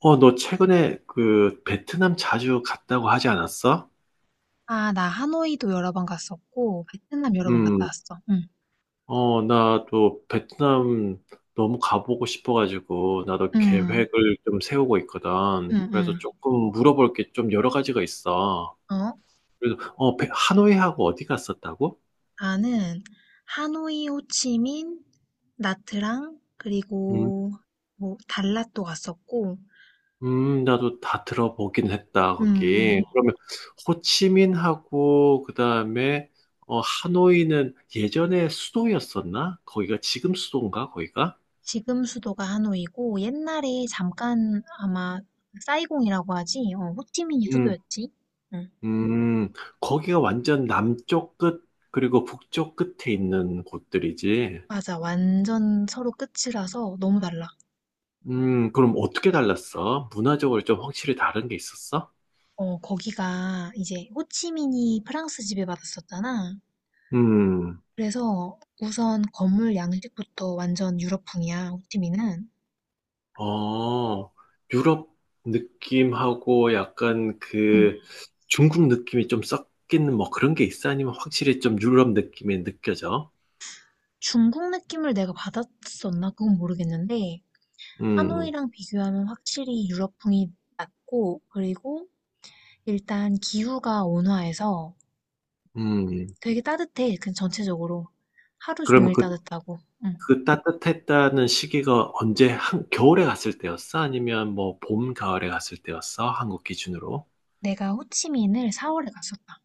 너 최근에 그 베트남 자주 갔다고 하지 않았어? 아 나 하노이도 여러 번 갔었고 베트남 여러 번 갔다 음, 왔어. 응. 나도 베트남 너무 가보고 싶어가지고 나도 응 계획을 좀 세우고 응 있거든. 응. 그래서 조금 물어볼 게 좀 여러 가지가 있어. 어? 그래서 하노이하고 어디 갔었다고? 나는 하노이, 호치민, 나트랑, 음, 그리고 뭐 달랏도 갔었고. 나도 다 들어보긴 했다, 응 거기. 응. 그러면 호치민하고 그다음에 하노이는 예전에 수도였었나? 거기가 지금 수도인가, 거기가? 지금 수도가 하노이고 옛날에 잠깐 아마 사이공이라고 하지? 호치민이 음, 수도였지? 응. 음, 거기가 완전 남쪽 끝, 그리고 북쪽 끝에 있는 곳들이지. 맞아. 완전 서로 끝이라서 너무 달라. 그럼 어떻게 달랐어? 문화적으로 좀 확실히 다른 게 있었어? 거기가 이제 호치민이 프랑스 지배받았었잖아. 음, 그래서 우선 건물 양식부터 완전 유럽풍이야, 호찌민은. 어, 유럽 느낌하고 약간 응. 그 중국 느낌이 좀 섞이는 뭐 그런 게 있어? 아니면 확실히 좀 유럽 느낌이 느껴져? 중국 느낌을 내가 받았었나? 그건 모르겠는데, 음, 하노이랑 비교하면 확실히 유럽풍이 낮고, 그리고 일단 기후가 온화해서 음. 되게 따뜻해. 그 전체적으로. 하루 그러면 종일 그 따뜻하고. 응. 따뜻했다는 시기가 언제 한 겨울에 갔을 때였어? 아니면 뭐 봄, 가을에 갔을 때였어? 한국 기준으로? 내가 호치민을 4월에 갔었다.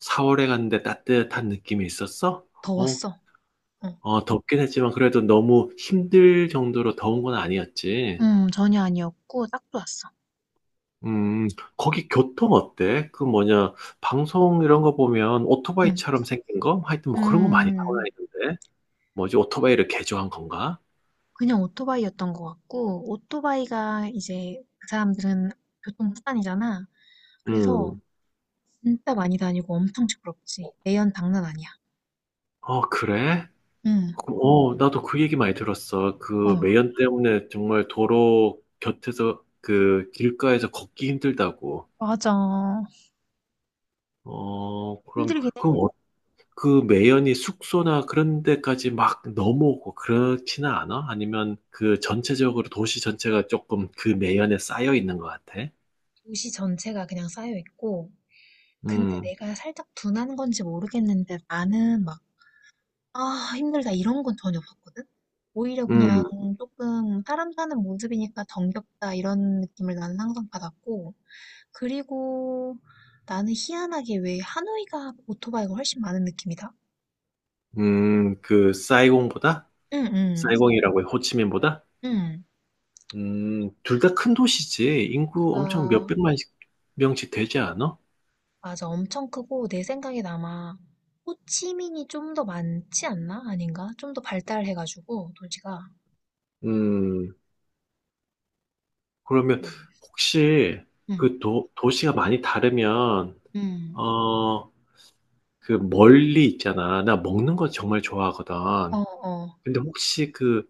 4월에 갔는데 따뜻한 느낌이 있었어? 어, 더웠어. 응. 어, 덥긴 했지만 그래도 너무 힘들 정도로 더운 건 아니었지. 전혀 아니었고, 딱 좋았어. 음, 거기 교통 어때? 그 뭐냐, 방송 이런 거 보면 응. 오토바이처럼 생긴 거? 하여튼 뭐 그런 거 많이 타고 음, 다니던데. 뭐지, 오토바이를 개조한 건가? 그냥 오토바이였던 것 같고, 오토바이가 이제 그 사람들은 교통수단이잖아. 그래서 음, 진짜 많이 다니고 엄청 시끄럽지. 매연 장난 아니야. 그래? 응, 나도 그 얘기 많이 들었어. 어, 그 매연 때문에 정말 도로 곁에서 그 길가에서 걷기 힘들다고. 맞아. 어, 그럼, 힘들긴 해. 그럼 어- 그 매연이 숙소나 그런 데까지 막 넘어오고 그렇지는 않아? 아니면 그 전체적으로 도시 전체가 조금 그 매연에 쌓여 있는 것 같아? 도시 전체가 그냥 쌓여 있고, 근데 음, 내가 살짝 둔한 건지 모르겠는데 나는 막, 아, 힘들다 이런 건 전혀 없었거든? 오히려 그냥 음, 조금 사람 사는 모습이니까 정겹다 이런 느낌을 나는 항상 받았고, 그리고 나는 희한하게 왜 하노이가 오토바이가 훨씬 많은 느낌이다? 그 사이공보다? 응, 응, 사이공이라고 해, 호치민보다? 응. 둘 다 큰 도시지. 인구 엄청 그니까, 몇백만 명씩 되지 않아? 맞아. 엄청 크고, 내 생각에 아마, 호치민이 좀 더 많지 않나? 아닌가? 좀 더 발달해가지고, 도시가. 음, 그러면 혹시 응, 그 도시가 많이 다르면, 응. 어, 그 멀리 있잖아. 나 먹는 거 정말 어, 좋아하거든. 어. 근데 혹시 그,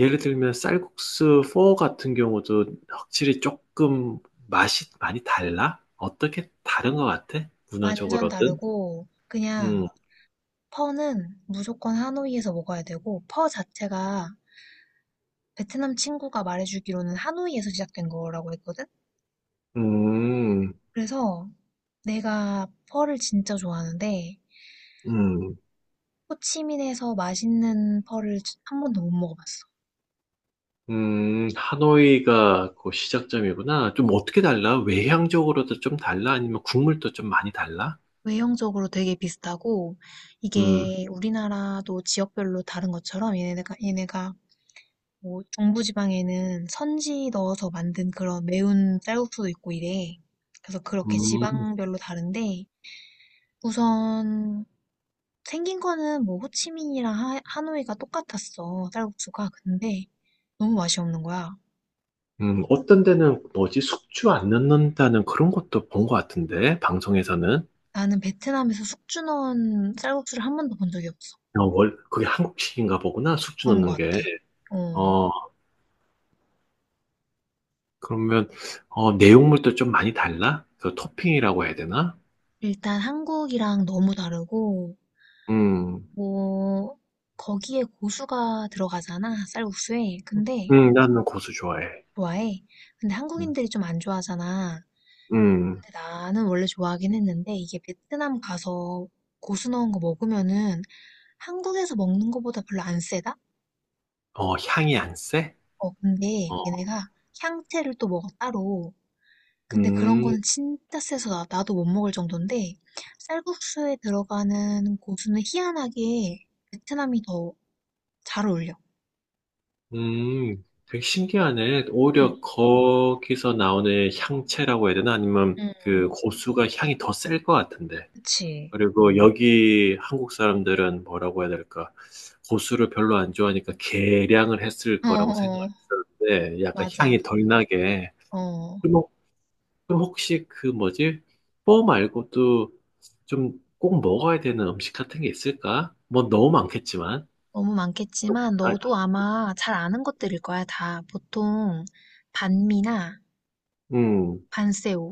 예를 들면 쌀국수 4 같은 경우도 확실히 조금 맛이 많이 달라? 어떻게 다른 것 같아? 완전 문화적으로든? 다르고, 그냥, 음, 퍼는 무조건 하노이에서 먹어야 되고, 퍼 자체가 베트남 친구가 말해주기로는 하노이에서 시작된 거라고 했거든? 음, 그래서 내가 펄을 진짜 좋아하는데 음. 호치민에서 맛있는 펄을 한 번도 못 먹어봤어. 하노이가 그 시작점이구나. 좀 어떻게 달라? 외향적으로도 좀 달라? 아니면 국물도 좀 많이 달라? 외형적으로 되게 비슷하고 음, 이게 우리나라도 지역별로 다른 것처럼 얘네가 뭐 중부지방에는 선지 넣어서 만든 그런 매운 쌀국수도 있고 이래. 그래서 그렇게 음, 지방별로 다른데 우선 생긴 거는 뭐 호치민이랑 하노이가 똑같았어 쌀국수가. 근데 너무 맛이 없는 거야. 어떤 데는 뭐지 숙주 안 넣는다는 그런 것도 본 것 같은데 방송에서는. 나는 베트남에서 숙주 넣은 쌀국수를 한 번도 본 적이 없어. 그게 한국식인가 보구나, 숙주 그런 것 넣는 게. 같아. 어, 어 그러면 내용물도 좀 많이 달라? 그 토핑이라고 해야 되나? 일단 한국이랑 너무 다르고, 음, 뭐, 거기에 고수가 들어가잖아, 쌀국수에. 근데, 나는 고수 좋아해. 좋아해. 근데 음, 한국인들이 좀 안 좋아하잖아. 음, 근데 나는 원래 좋아하긴 했는데, 이게 베트남 가서 고수 넣은 거 먹으면은 한국에서 먹는 거보다 별로 안 세다? 향이 안 세? 근데 어, 얘네가 향채를 또 먹어, 따로. 근데 그런 음, 거는 진짜 세서 나 나도 못 먹을 정도인데 쌀국수에 들어가는 고수는 희한하게 베트남이 더 잘 어울려. 되게 신기하네. 응, 오히려 거기서 나오는 향채라고 해야 되나? 아니면 응, 그 고수가 향이 더 셀 것 같은데. 그치. 그리고 여기 한국 사람들은 뭐라고 해야 될까? 고수를 별로 안 좋아하니까 계량을 했을 어, 거라고 생각을 어, 어. 했었는데, 약간 맞아. 향이 덜 나게. 어, 그럼 혹- 그럼 혹시 그 뭐지? 뽀 말고도 좀 꼭 먹어야 되는 음식 같은 게 있을까? 뭐 너무 많겠지만. 너무 또, 많겠지만 아, 너도 아마 잘 아는 것들일 거야, 다. 보통 반미나 음, 반세오.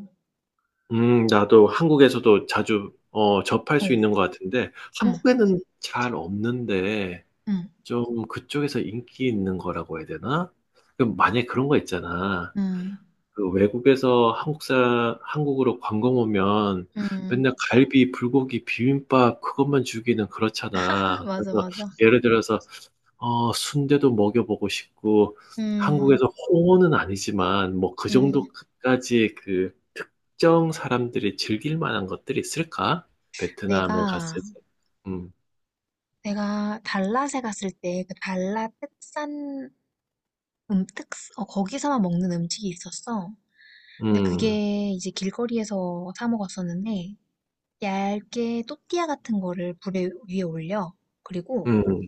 나도 한국에서도 자주 접할 어, 수 있는 것 같은데, 응, 한국에는 잘 없는데 응, 좀 그쪽에서 인기 있는 거라고 해야 되나? 그럼 만약에 그런 거 있잖아. 응, 그 외국에서 한국으로 관광 오면 응. 맨날 갈비, 불고기, 비빔밥 그것만 주기는 그렇잖아. 맞아, 그래서 맞아. 예를 들어서, 순대도 먹여보고 싶고, 음, 한국에서 홍어는 아니지만, 뭐 그 음. 정도까지 그 특정 사람들이 즐길 만한 것들이 있을까? 베트남에 내가 갔을 때. 음, 내가 달랏에 갔을 때 그 달랏 특산, 음, 특, 거기서만 먹는 음식이 있었어. 근데 음, 그게 이제 길거리에서 사 먹었었는데 얇게 또띠아 같은 거를 불에 위에 올려. 그리고 음,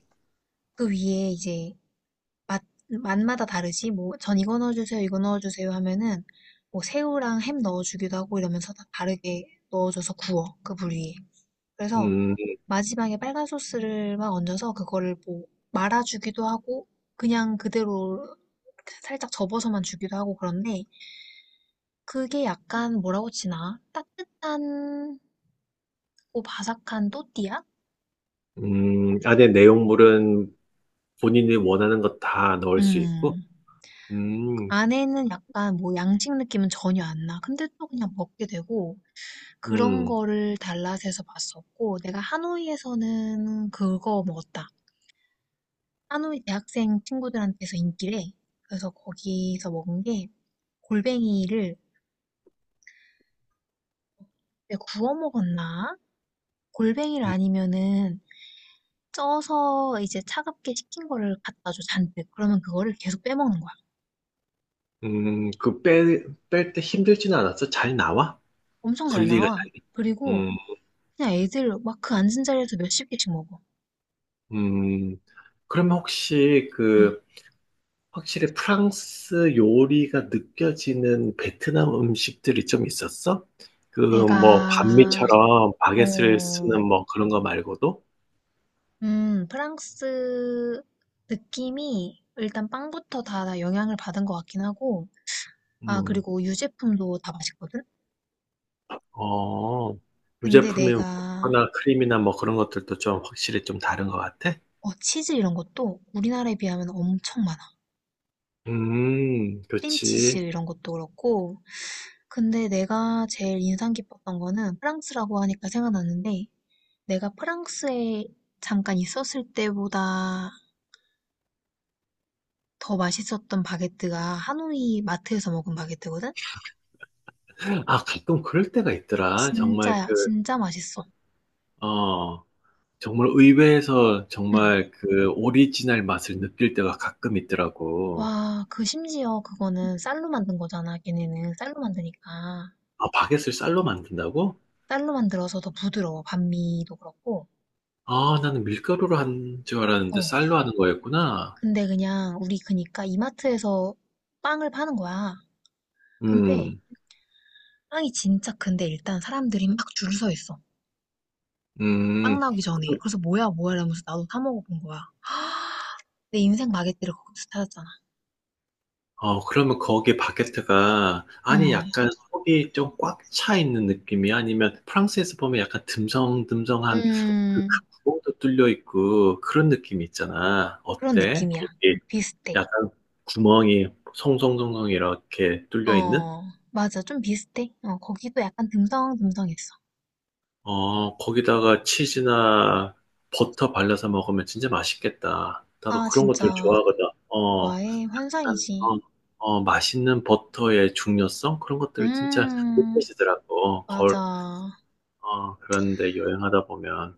그 위에 이제 맛 맛마다 다르지. 뭐 전 이거 넣어주세요, 이거 넣어주세요 하면은 뭐 새우랑 햄 넣어주기도 하고 이러면서 다 다르게 넣어줘서 구워 그 불 위에. 그래서 음. 마지막에 빨간 소스를 막 얹어서 그거를 뭐 말아주기도 하고 그냥 그대로 살짝 접어서만 주기도 하고 그런데 그게 약간 뭐라고 치나? 따뜻한 고 바삭한 또띠아? 안에 내용물은 본인이 원하는 것 다 넣을 수 있고, 음. 음, 안에는 약간 뭐 양식 느낌은 전혀 안 나. 근데 또 그냥 먹게 되고 그런 음, 거를 달랏에서 봤었고 내가 하노이에서는 그거 먹었다. 하노이 대학생 친구들한테서 인기래. 그래서 거기서 먹은 게 골뱅이를 왜 구워 먹었나? 골뱅이를 음, 아니면은 쪄서 이제 차갑게 식힌 거를 갖다 줘, 잔뜩. 그러면 그거를 계속 빼먹는 거야. 그 뺄 때 힘들지는 않았어? 잘 나와? 엄청 잘 분리가 잘 나와. 돼? 그리고 음, 그냥 애들 막 그 앉은 자리에서 몇십 개씩 먹어. 음. 그러면 혹시 응. 그, 확실히 프랑스 요리가 느껴지는 베트남 음식들이 좀 있었어? 그, 뭐, 내가, 반미처럼 바게트를 어, 쓰는 뭐 그런 거 말고도? 프랑스 느낌이 일단 빵부터 다 영향을 받은 것 같긴 하고, 아, 음. 그리고 유제품도 다 맛있거든? 어, 근데 유제품이면 버터나 크림이나 뭐 그런 것들도 좀 확실히 좀 다른 것 같아? 치즈 이런 것도 우리나라에 비하면 엄청 많아. 크림치즈 그렇지. 이런 것도 그렇고. 근데 내가 제일 인상 깊었던 거는 프랑스라고 하니까 생각났는데 내가 프랑스에 잠깐 있었을 때보다 더 맛있었던 바게트가 하노이 마트에서 먹은 바게트거든? 아, 가끔 그럴 때가 있더라. 정말 진짜야, 그, 진짜 맛있어. 어, 정말 의외에서 응. 정말 그 오리지널 맛을 느낄 때가 가끔 있더라고. 와, 그 심지어 그거는 쌀로 만든 거잖아. 걔네는 쌀로 만드니까. 아, 바게트를 쌀로 만든다고? 쌀로 만들어서 더 부드러워. 반미도 그렇고. 아, 나는 밀가루로 한 줄 알았는데 어. 쌀로 하는 거였구나. 근데 그냥 우리 그니까 이마트에서 빵을 파는 거야. 근데 음, 빵이 진짜 큰데 일단 사람들이 막 줄 서 있어. 빵 음. 나오기 전에. 그래서 뭐야 뭐야 이러면서 나도 사 먹어본 거야. 내 인생 마게트를 거기서 찾았잖아. 그러면 거기에 바게트가, 아니, 음, 약간 속이 좀 꽉 차 있는 느낌이 아니면 프랑스에서 보면 약간 듬성듬성한 그 음, 구멍도 뚫려 있고 그런 느낌이 있잖아. 그런 어때? 느낌이야. 거기 비슷해. 약간 구멍이 송송송송 이렇게 뚫려 있는? 어, 맞아. 좀 비슷해. 거기도 약간 듬성듬성했어. 거기다가 치즈나 버터 발라서 먹으면 진짜 맛있겠다. 나도 아, 그런 진짜. 것들 좋아하거든. 어. 좋아해. 약간 환상이지. 맛있는 버터의 중요성 그런 것들을 진짜 음, 느껴지더라고. 맞아. 그런데 여행하다 보면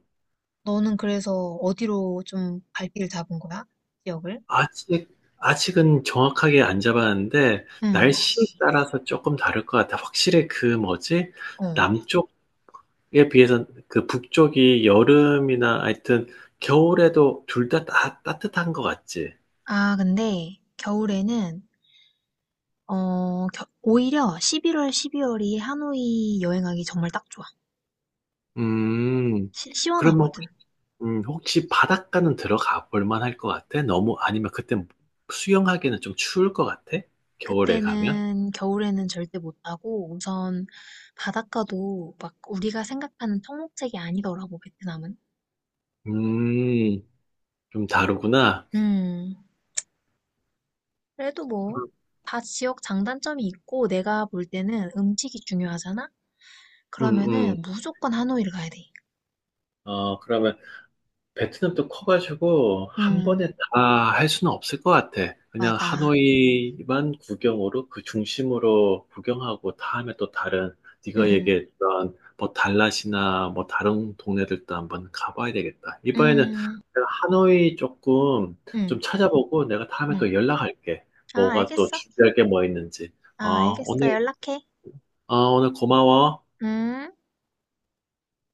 너는 그래서 어디로 좀 발길을 잡은 거야? 지역을? 아직 아직은 정확하게 안 잡았는데 응. 날씨에 알지. 따라서 조금 다를 것 같아. 확실히 그 뭐지? 어. 남쪽에 비해서 그 북쪽이 여름이나 하여튼 겨울에도 둘 다 따뜻한 것 같지. 아, 근데 겨울에는 오히려 11월, 12월이 하노이 여행하기 정말 딱 좋아. 음. 그러면 원하거든. 혹시 바닷가는 들어가 볼 만할 것 같아? 너무, 아니면 그때 수영하기는 좀 추울 것 같아? 겨울에 가면? 그때는 겨울에는 절대 못 가고 우선 바닷가도 막 우리가 생각하는 청록색이 아니더라고, 베트남은. 음, 좀 다르구나. 음. 그래도 뭐 다 지역 장단점이 있고 내가 볼 때는 음식이 중요하잖아. 음, 음. 그러면은 무조건 하노이를 가야 돼. 그러면 베트남도 커가지고 한 음, 번에 다 할 수는 없을 것 같아. 그냥 맞아. 하노이만 구경으로 그 중심으로 구경하고, 다음에 또 다른 네가 음, 얘기했던 뭐 달랏이나 뭐 다른 동네들도 한번 가봐야 되겠다. 이번에는 음, 내가 하노이 조금 좀 음, 찾아보고 내가 다음에 음. 또 연락할게. 아, 뭐가 또 알겠어. 준비할 게 뭐 있는지. 아, 어, 알겠어. 오늘, 연락해. 오늘 고마워. 음.